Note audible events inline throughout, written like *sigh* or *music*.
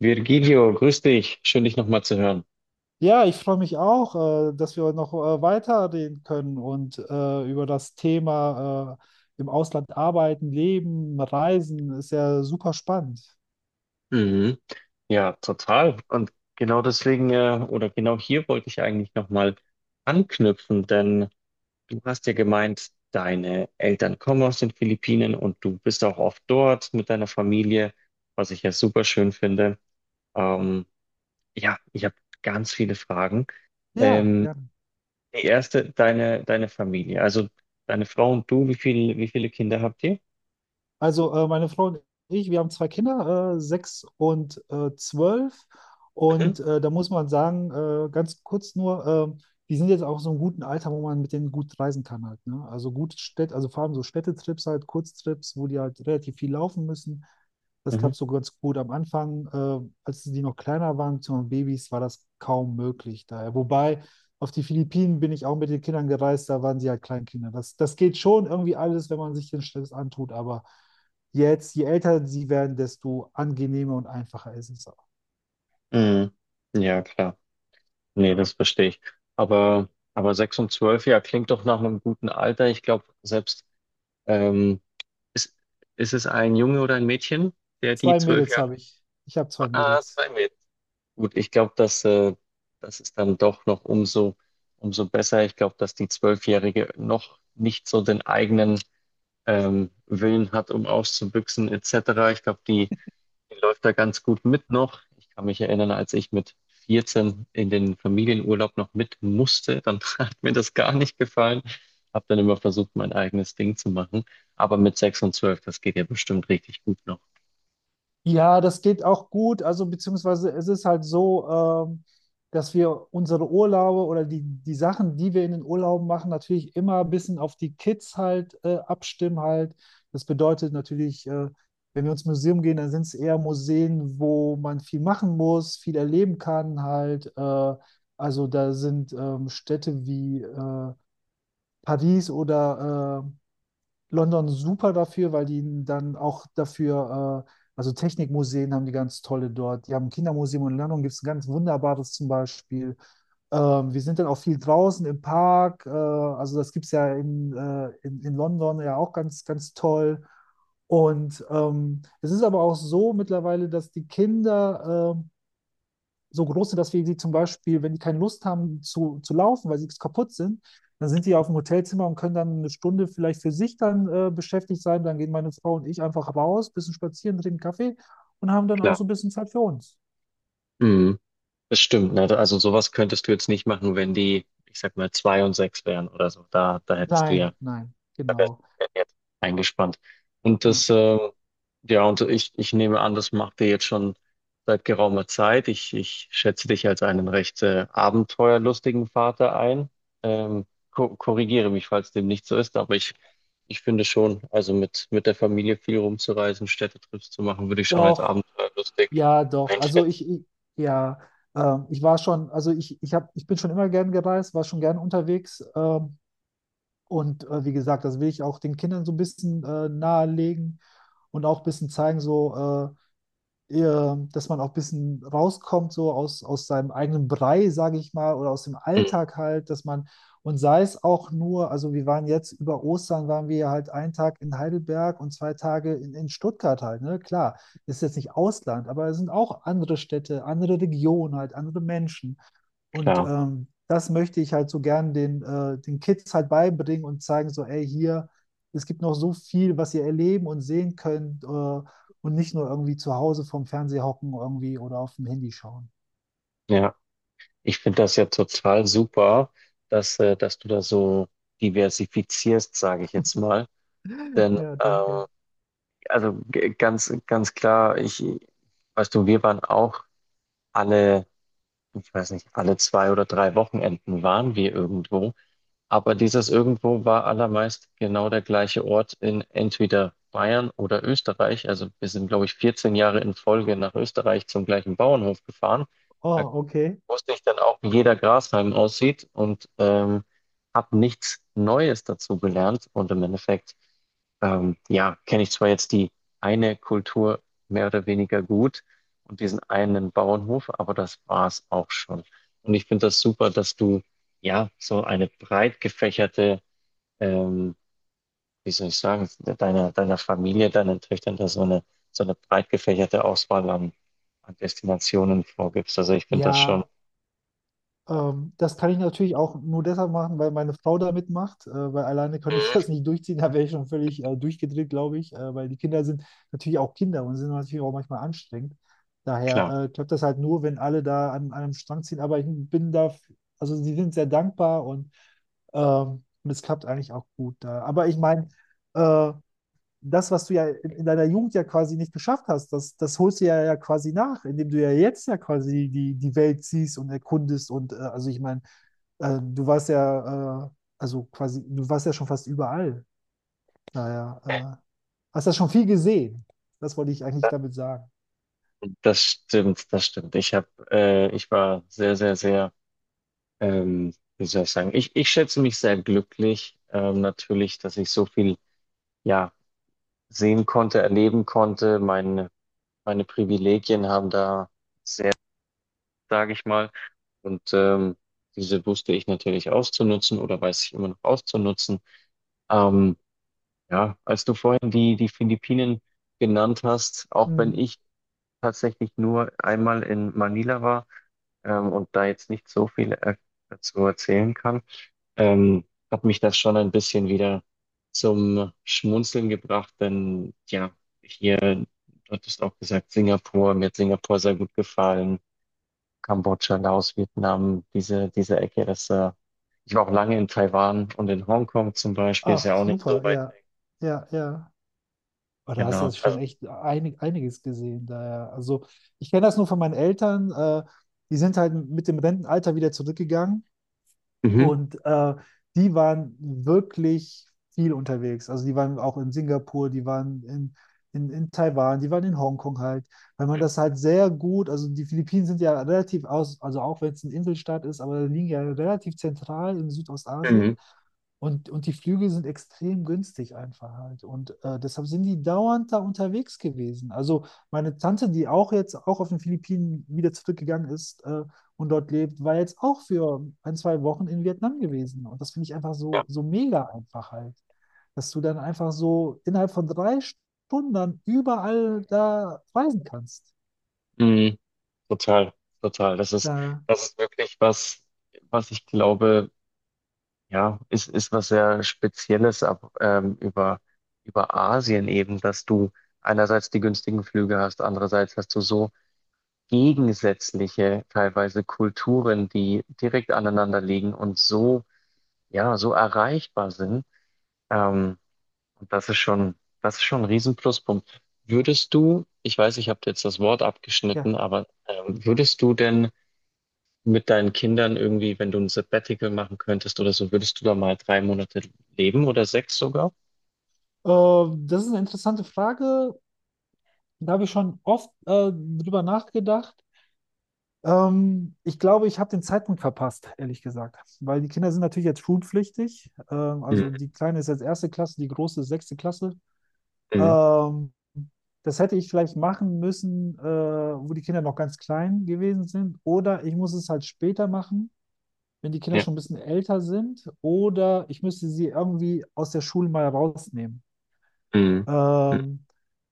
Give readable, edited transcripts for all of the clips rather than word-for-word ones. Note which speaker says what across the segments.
Speaker 1: Virgilio, grüß dich. Schön, dich nochmal zu hören.
Speaker 2: Ja, ich freue mich auch, dass wir noch weiterreden können und über das Thema im Ausland arbeiten, leben, reisen. Ist ja super spannend.
Speaker 1: Mhm. Ja, total. Und genau deswegen, oder genau hier wollte ich eigentlich nochmal anknüpfen, denn du hast ja gemeint, deine Eltern kommen aus den Philippinen und du bist auch oft dort mit deiner Familie, was ich ja super schön finde. Ähm, ja, ich habe ganz viele Fragen.
Speaker 2: Ja,
Speaker 1: Ähm,
Speaker 2: gerne.
Speaker 1: die erste, deine Familie, also deine Frau und du, wie viele Kinder habt ihr?
Speaker 2: Also meine Frau und ich, wir haben zwei Kinder, sechs und 12.
Speaker 1: Mhm.
Speaker 2: Und da muss man sagen, ganz kurz nur, äh, die sind jetzt auch so im guten Alter, wo man mit denen gut reisen kann halt. Ne? Also gut Städte, also vor allem so Städtetrips halt, Kurztrips, wo die halt relativ viel laufen müssen. Das
Speaker 1: Mhm.
Speaker 2: klappt so ganz gut am Anfang. Als die noch kleiner waren, beziehungsweise Babys, war das kaum möglich daher. Wobei auf die Philippinen bin ich auch mit den Kindern gereist, da waren sie halt Kleinkinder. Das geht schon irgendwie alles, wenn man sich den Stress antut, aber jetzt, je älter sie werden, desto angenehmer und einfacher ist es auch.
Speaker 1: Mhm. Ja, klar. Nee, das verstehe ich. Aber, aber sechs und zwölf, ja, klingt doch nach einem guten Alter. Ich glaube, selbst, ähm, ist, ist es ein Junge oder ein Mädchen, der die
Speaker 2: Zwei
Speaker 1: zwölf
Speaker 2: Mädels
Speaker 1: Jahre,
Speaker 2: habe ich. Ich habe zwei
Speaker 1: ah,
Speaker 2: Mädels.
Speaker 1: zwei Mädchen. Gut, ich glaube, dass das ist dann doch noch umso, umso besser. Ich glaube, dass die Zwölfjährige noch nicht so den eigenen, Willen hat, um auszubüchsen, etc. Ich glaube, die läuft da ganz gut mit noch. Ich kann mich erinnern, als ich mit 14 in den Familienurlaub noch mit musste, dann *laughs* hat mir das gar nicht gefallen. Habe dann immer versucht, mein eigenes Ding zu machen. Aber mit 6 und 12, das geht ja bestimmt richtig gut noch.
Speaker 2: Ja, das geht auch gut. Also beziehungsweise es ist halt so, ähm, dass wir unsere Urlaube oder die Sachen, die wir in den Urlauben machen, natürlich immer ein bisschen auf die Kids halt abstimmen halt. Das bedeutet natürlich, wenn wir ins Museum gehen, dann sind es eher Museen, wo man viel machen muss, viel erleben kann halt. Also da sind Städte wie Paris oder London super dafür, weil die dann auch dafür, also Technikmuseen haben die ganz tolle dort. Die haben ein Kindermuseum und in London gibt es ein ganz wunderbares zum Beispiel. Wir sind dann auch viel draußen im Park. Also das gibt es ja in London ja auch ganz, ganz toll. Und es ist aber auch so mittlerweile, dass die Kinder so große, dass wir sie zum Beispiel, wenn die keine Lust haben zu laufen, weil sie kaputt sind, dann sind die auf dem Hotelzimmer und können dann 1 Stunde vielleicht für sich dann beschäftigt sein. Dann gehen meine Frau und ich einfach raus, bisschen spazieren, trinken Kaffee und haben dann auch
Speaker 1: Klar.
Speaker 2: so ein bisschen Zeit für uns.
Speaker 1: Mhm. Das stimmt, ne? Also sowas könntest du jetzt nicht machen, wenn die, ich sag mal, 2 und 6 wären oder so. Da hättest du ja.
Speaker 2: Nein, nein,
Speaker 1: Da wärst
Speaker 2: genau.
Speaker 1: du jetzt eingespannt. Und
Speaker 2: Ja.
Speaker 1: ja, und ich nehme an, das macht ihr jetzt schon seit geraumer Zeit. Ich schätze dich als einen recht abenteuerlustigen Vater ein. Ähm, ko korrigiere mich, falls dem nicht so ist, aber ich finde schon, also mit der Familie viel rumzureisen, Städtetrips zu machen, würde ich schon als
Speaker 2: Doch,
Speaker 1: abenteuerlustig
Speaker 2: ja, doch. Also
Speaker 1: einschätzen.
Speaker 2: ich ja, ich war schon, also ich bin schon immer gern gereist, war schon gern unterwegs. Und wie gesagt, das will ich auch den Kindern so ein bisschen nahelegen und auch ein bisschen zeigen, so, äh, dass man auch ein bisschen rauskommt, so aus seinem eigenen Brei, sage ich mal, oder aus dem
Speaker 1: Mhm,
Speaker 2: Alltag halt, dass man, und sei es auch nur, also wir waren jetzt über Ostern, waren wir halt 1 Tag in Heidelberg und 2 Tage in Stuttgart halt, ne? Klar, das ist jetzt nicht Ausland, aber es sind auch andere Städte, andere Regionen halt, andere Menschen. Und
Speaker 1: klar,
Speaker 2: das möchte ich halt so gern den Kids halt beibringen und zeigen, so, ey, hier, es gibt noch so viel, was ihr erleben und sehen könnt und nicht nur irgendwie zu Hause vorm Fernseher hocken irgendwie oder auf dem Handy schauen.
Speaker 1: ja. Ich finde das ja total super, dass du da so diversifizierst, sage ich jetzt mal. Denn,
Speaker 2: Ja, danke.
Speaker 1: also ganz klar, ich, weißt du, wir waren auch alle, ich weiß nicht, alle zwei oder drei Wochenenden waren wir irgendwo. Aber dieses irgendwo war allermeist genau der gleiche Ort in entweder Bayern oder Österreich. Also wir sind, glaube ich, 14 Jahre in Folge nach Österreich zum gleichen Bauernhof gefahren. Da
Speaker 2: Oh, okay.
Speaker 1: wusste ich dann auch, wie jeder Grashalm aussieht und habe nichts Neues dazu gelernt. Und im Endeffekt, ja, kenne ich zwar jetzt die eine Kultur mehr oder weniger gut und diesen einen Bauernhof, aber das war's auch schon. Und ich finde das super, dass du ja so eine breit gefächerte, ähm, wie soll ich sagen, deiner Familie, deinen Töchtern da so eine breit gefächerte Auswahl an Destinationen vorgibst. Also ich finde das schon.
Speaker 2: Ja, das kann ich natürlich auch nur deshalb machen, weil meine Frau da mitmacht, weil alleine kann ich *laughs*
Speaker 1: Mhm.
Speaker 2: das nicht durchziehen, da wäre ich schon völlig durchgedreht, glaube ich, weil die Kinder sind natürlich auch Kinder und sind natürlich auch manchmal anstrengend. Daher
Speaker 1: Klar.
Speaker 2: klappt das halt nur, wenn alle da an einem Strang ziehen, aber ich bin da, also sie sind sehr dankbar und es klappt eigentlich auch gut da. Aber ich meine, äh, das, was du ja in deiner Jugend ja quasi nicht geschafft hast, das holst du ja quasi nach, indem du ja jetzt ja quasi die Welt siehst und erkundest. Und also ich meine, äh, du warst ja, äh, also quasi, du warst ja schon fast überall. Daher hast ja schon viel gesehen. Das wollte ich eigentlich damit sagen.
Speaker 1: Das stimmt, das stimmt. Ich war sehr, sehr, sehr, wie soll ich sagen, ich schätze mich sehr glücklich, natürlich, dass ich so viel, ja, sehen konnte, erleben konnte. Meine Privilegien haben da, sage ich mal, und diese wusste ich natürlich auszunutzen oder weiß ich immer noch auszunutzen. Ähm, ja, als du vorhin die Philippinen genannt hast, auch wenn
Speaker 2: Mhm.
Speaker 1: ich tatsächlich nur einmal in Manila war und da jetzt nicht so viel er dazu erzählen kann, ähm, hat mich das schon ein bisschen wieder zum Schmunzeln gebracht, denn ja, hier, du hattest auch gesagt, Singapur, mir hat Singapur sehr gut gefallen, Kambodscha, Laos, Vietnam, diese Ecke, ich war auch lange in Taiwan und in Hongkong zum Beispiel, ist ja
Speaker 2: Ach,
Speaker 1: auch nicht so
Speaker 2: super,
Speaker 1: weit
Speaker 2: ja,
Speaker 1: weg.
Speaker 2: ja, ja. Aber da hast du ja
Speaker 1: Genau.
Speaker 2: schon
Speaker 1: Also,
Speaker 2: echt einiges gesehen. Daher, also ich kenne das nur von meinen Eltern. Die sind halt mit dem Rentenalter wieder zurückgegangen.
Speaker 1: mhm.
Speaker 2: Und die waren wirklich viel unterwegs. Also die waren auch in Singapur, die waren in Taiwan, die waren in Hongkong halt, weil man das halt sehr gut, also die Philippinen sind ja relativ aus, also auch wenn es ein Inselstaat ist, aber liegen ja relativ zentral in
Speaker 1: Mhm.
Speaker 2: Südostasien. Und die Flüge sind extrem günstig einfach halt. Und deshalb sind die dauernd da unterwegs gewesen. Also meine Tante, die auch jetzt auch auf den Philippinen wieder zurückgegangen ist, und dort lebt, war jetzt auch für ein, zwei Wochen in Vietnam gewesen. Und das finde ich einfach so, so mega einfach halt, dass du dann einfach so innerhalb von 3 Stunden dann überall da reisen kannst.
Speaker 1: Ja. Total, total.
Speaker 2: Da,
Speaker 1: Das ist wirklich was, was ich glaube, ja, ist was sehr Spezielles über Asien eben, dass du einerseits die günstigen Flüge hast, andererseits hast du so gegensätzliche teilweise Kulturen, die direkt aneinander liegen und so, ja, so erreichbar sind. Ähm, und das ist schon ein riesen Pluspunkt. Würdest du, ich weiß, ich habe jetzt das Wort
Speaker 2: ja,
Speaker 1: abgeschnitten, aber würdest du denn mit deinen Kindern irgendwie, wenn du ein Sabbatical machen könntest oder so, würdest du da mal 3 Monate leben oder sechs sogar?
Speaker 2: Das ist eine interessante Frage. Da habe ich schon oft drüber nachgedacht. Ich glaube, ich habe den Zeitpunkt verpasst, ehrlich gesagt. Weil die Kinder sind natürlich jetzt schulpflichtig. Also
Speaker 1: Mhm.
Speaker 2: die Kleine ist jetzt erste Klasse, die große ist sechste Klasse.
Speaker 1: Mhm.
Speaker 2: Ähm, Das hätte ich vielleicht machen müssen, wo die Kinder noch ganz klein gewesen sind. Oder ich muss es halt später machen, wenn die Kinder
Speaker 1: Ja.
Speaker 2: schon ein bisschen älter sind. Oder ich müsste sie irgendwie aus der Schule mal rausnehmen.
Speaker 1: Mhm.
Speaker 2: Ähm,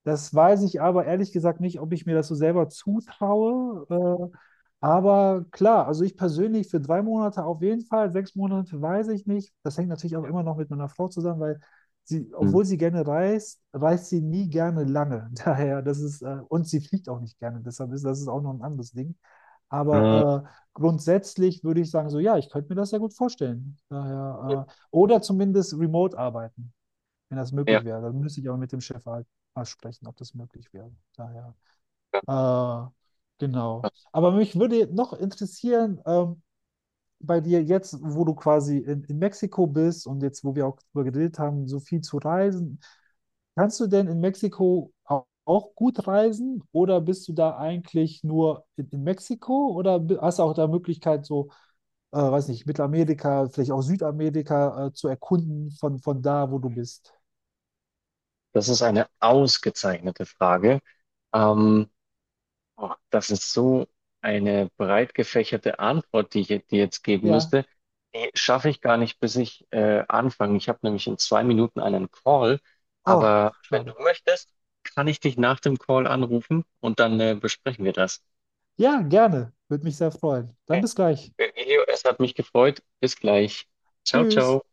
Speaker 2: Das weiß ich aber ehrlich gesagt nicht, ob ich mir das so selber zutraue. Äh, aber klar, also ich persönlich für 3 Monate auf jeden Fall, 6 Monate weiß ich nicht. Das hängt natürlich auch immer noch mit meiner Frau zusammen, weil sie,
Speaker 1: Mhm.
Speaker 2: obwohl sie gerne reist, reist sie nie gerne lange. *laughs* Daher, und sie fliegt auch nicht gerne. Deshalb ist das ist auch noch ein anderes Ding.
Speaker 1: Äh,
Speaker 2: Aber grundsätzlich würde ich sagen, so ja, ich könnte mir das sehr gut vorstellen. Daher, oder zumindest remote arbeiten, wenn das
Speaker 1: ja,
Speaker 2: möglich wäre. Dann müsste ich auch mit dem Chef halt mal sprechen, ob das möglich wäre. Daher, äh, genau. Aber mich würde noch interessieren, bei dir jetzt, wo du quasi in Mexiko bist und jetzt, wo wir auch darüber geredet haben, so viel zu reisen, kannst du denn in Mexiko auch gut reisen oder bist du da eigentlich nur in Mexiko oder hast du auch da Möglichkeit, so weiß nicht, Mittelamerika, vielleicht auch Südamerika zu erkunden von da, wo du bist.
Speaker 1: das ist eine ausgezeichnete Frage. Ähm, Oh, das ist so eine breit gefächerte Antwort, die ich dir jetzt geben
Speaker 2: Ja.
Speaker 1: müsste. Die schaffe ich gar nicht, bis ich anfange. Ich habe nämlich in 2 Minuten einen Call,
Speaker 2: Oh,
Speaker 1: aber wenn du
Speaker 2: schade.
Speaker 1: möchtest, kann ich dich nach dem Call anrufen und dann besprechen wir das.
Speaker 2: Ja, gerne. Würde mich sehr freuen. Dann
Speaker 1: Okay.
Speaker 2: bis gleich.
Speaker 1: Elio, es hat mich gefreut. Bis gleich. Ciao,
Speaker 2: Tschüss.
Speaker 1: ciao.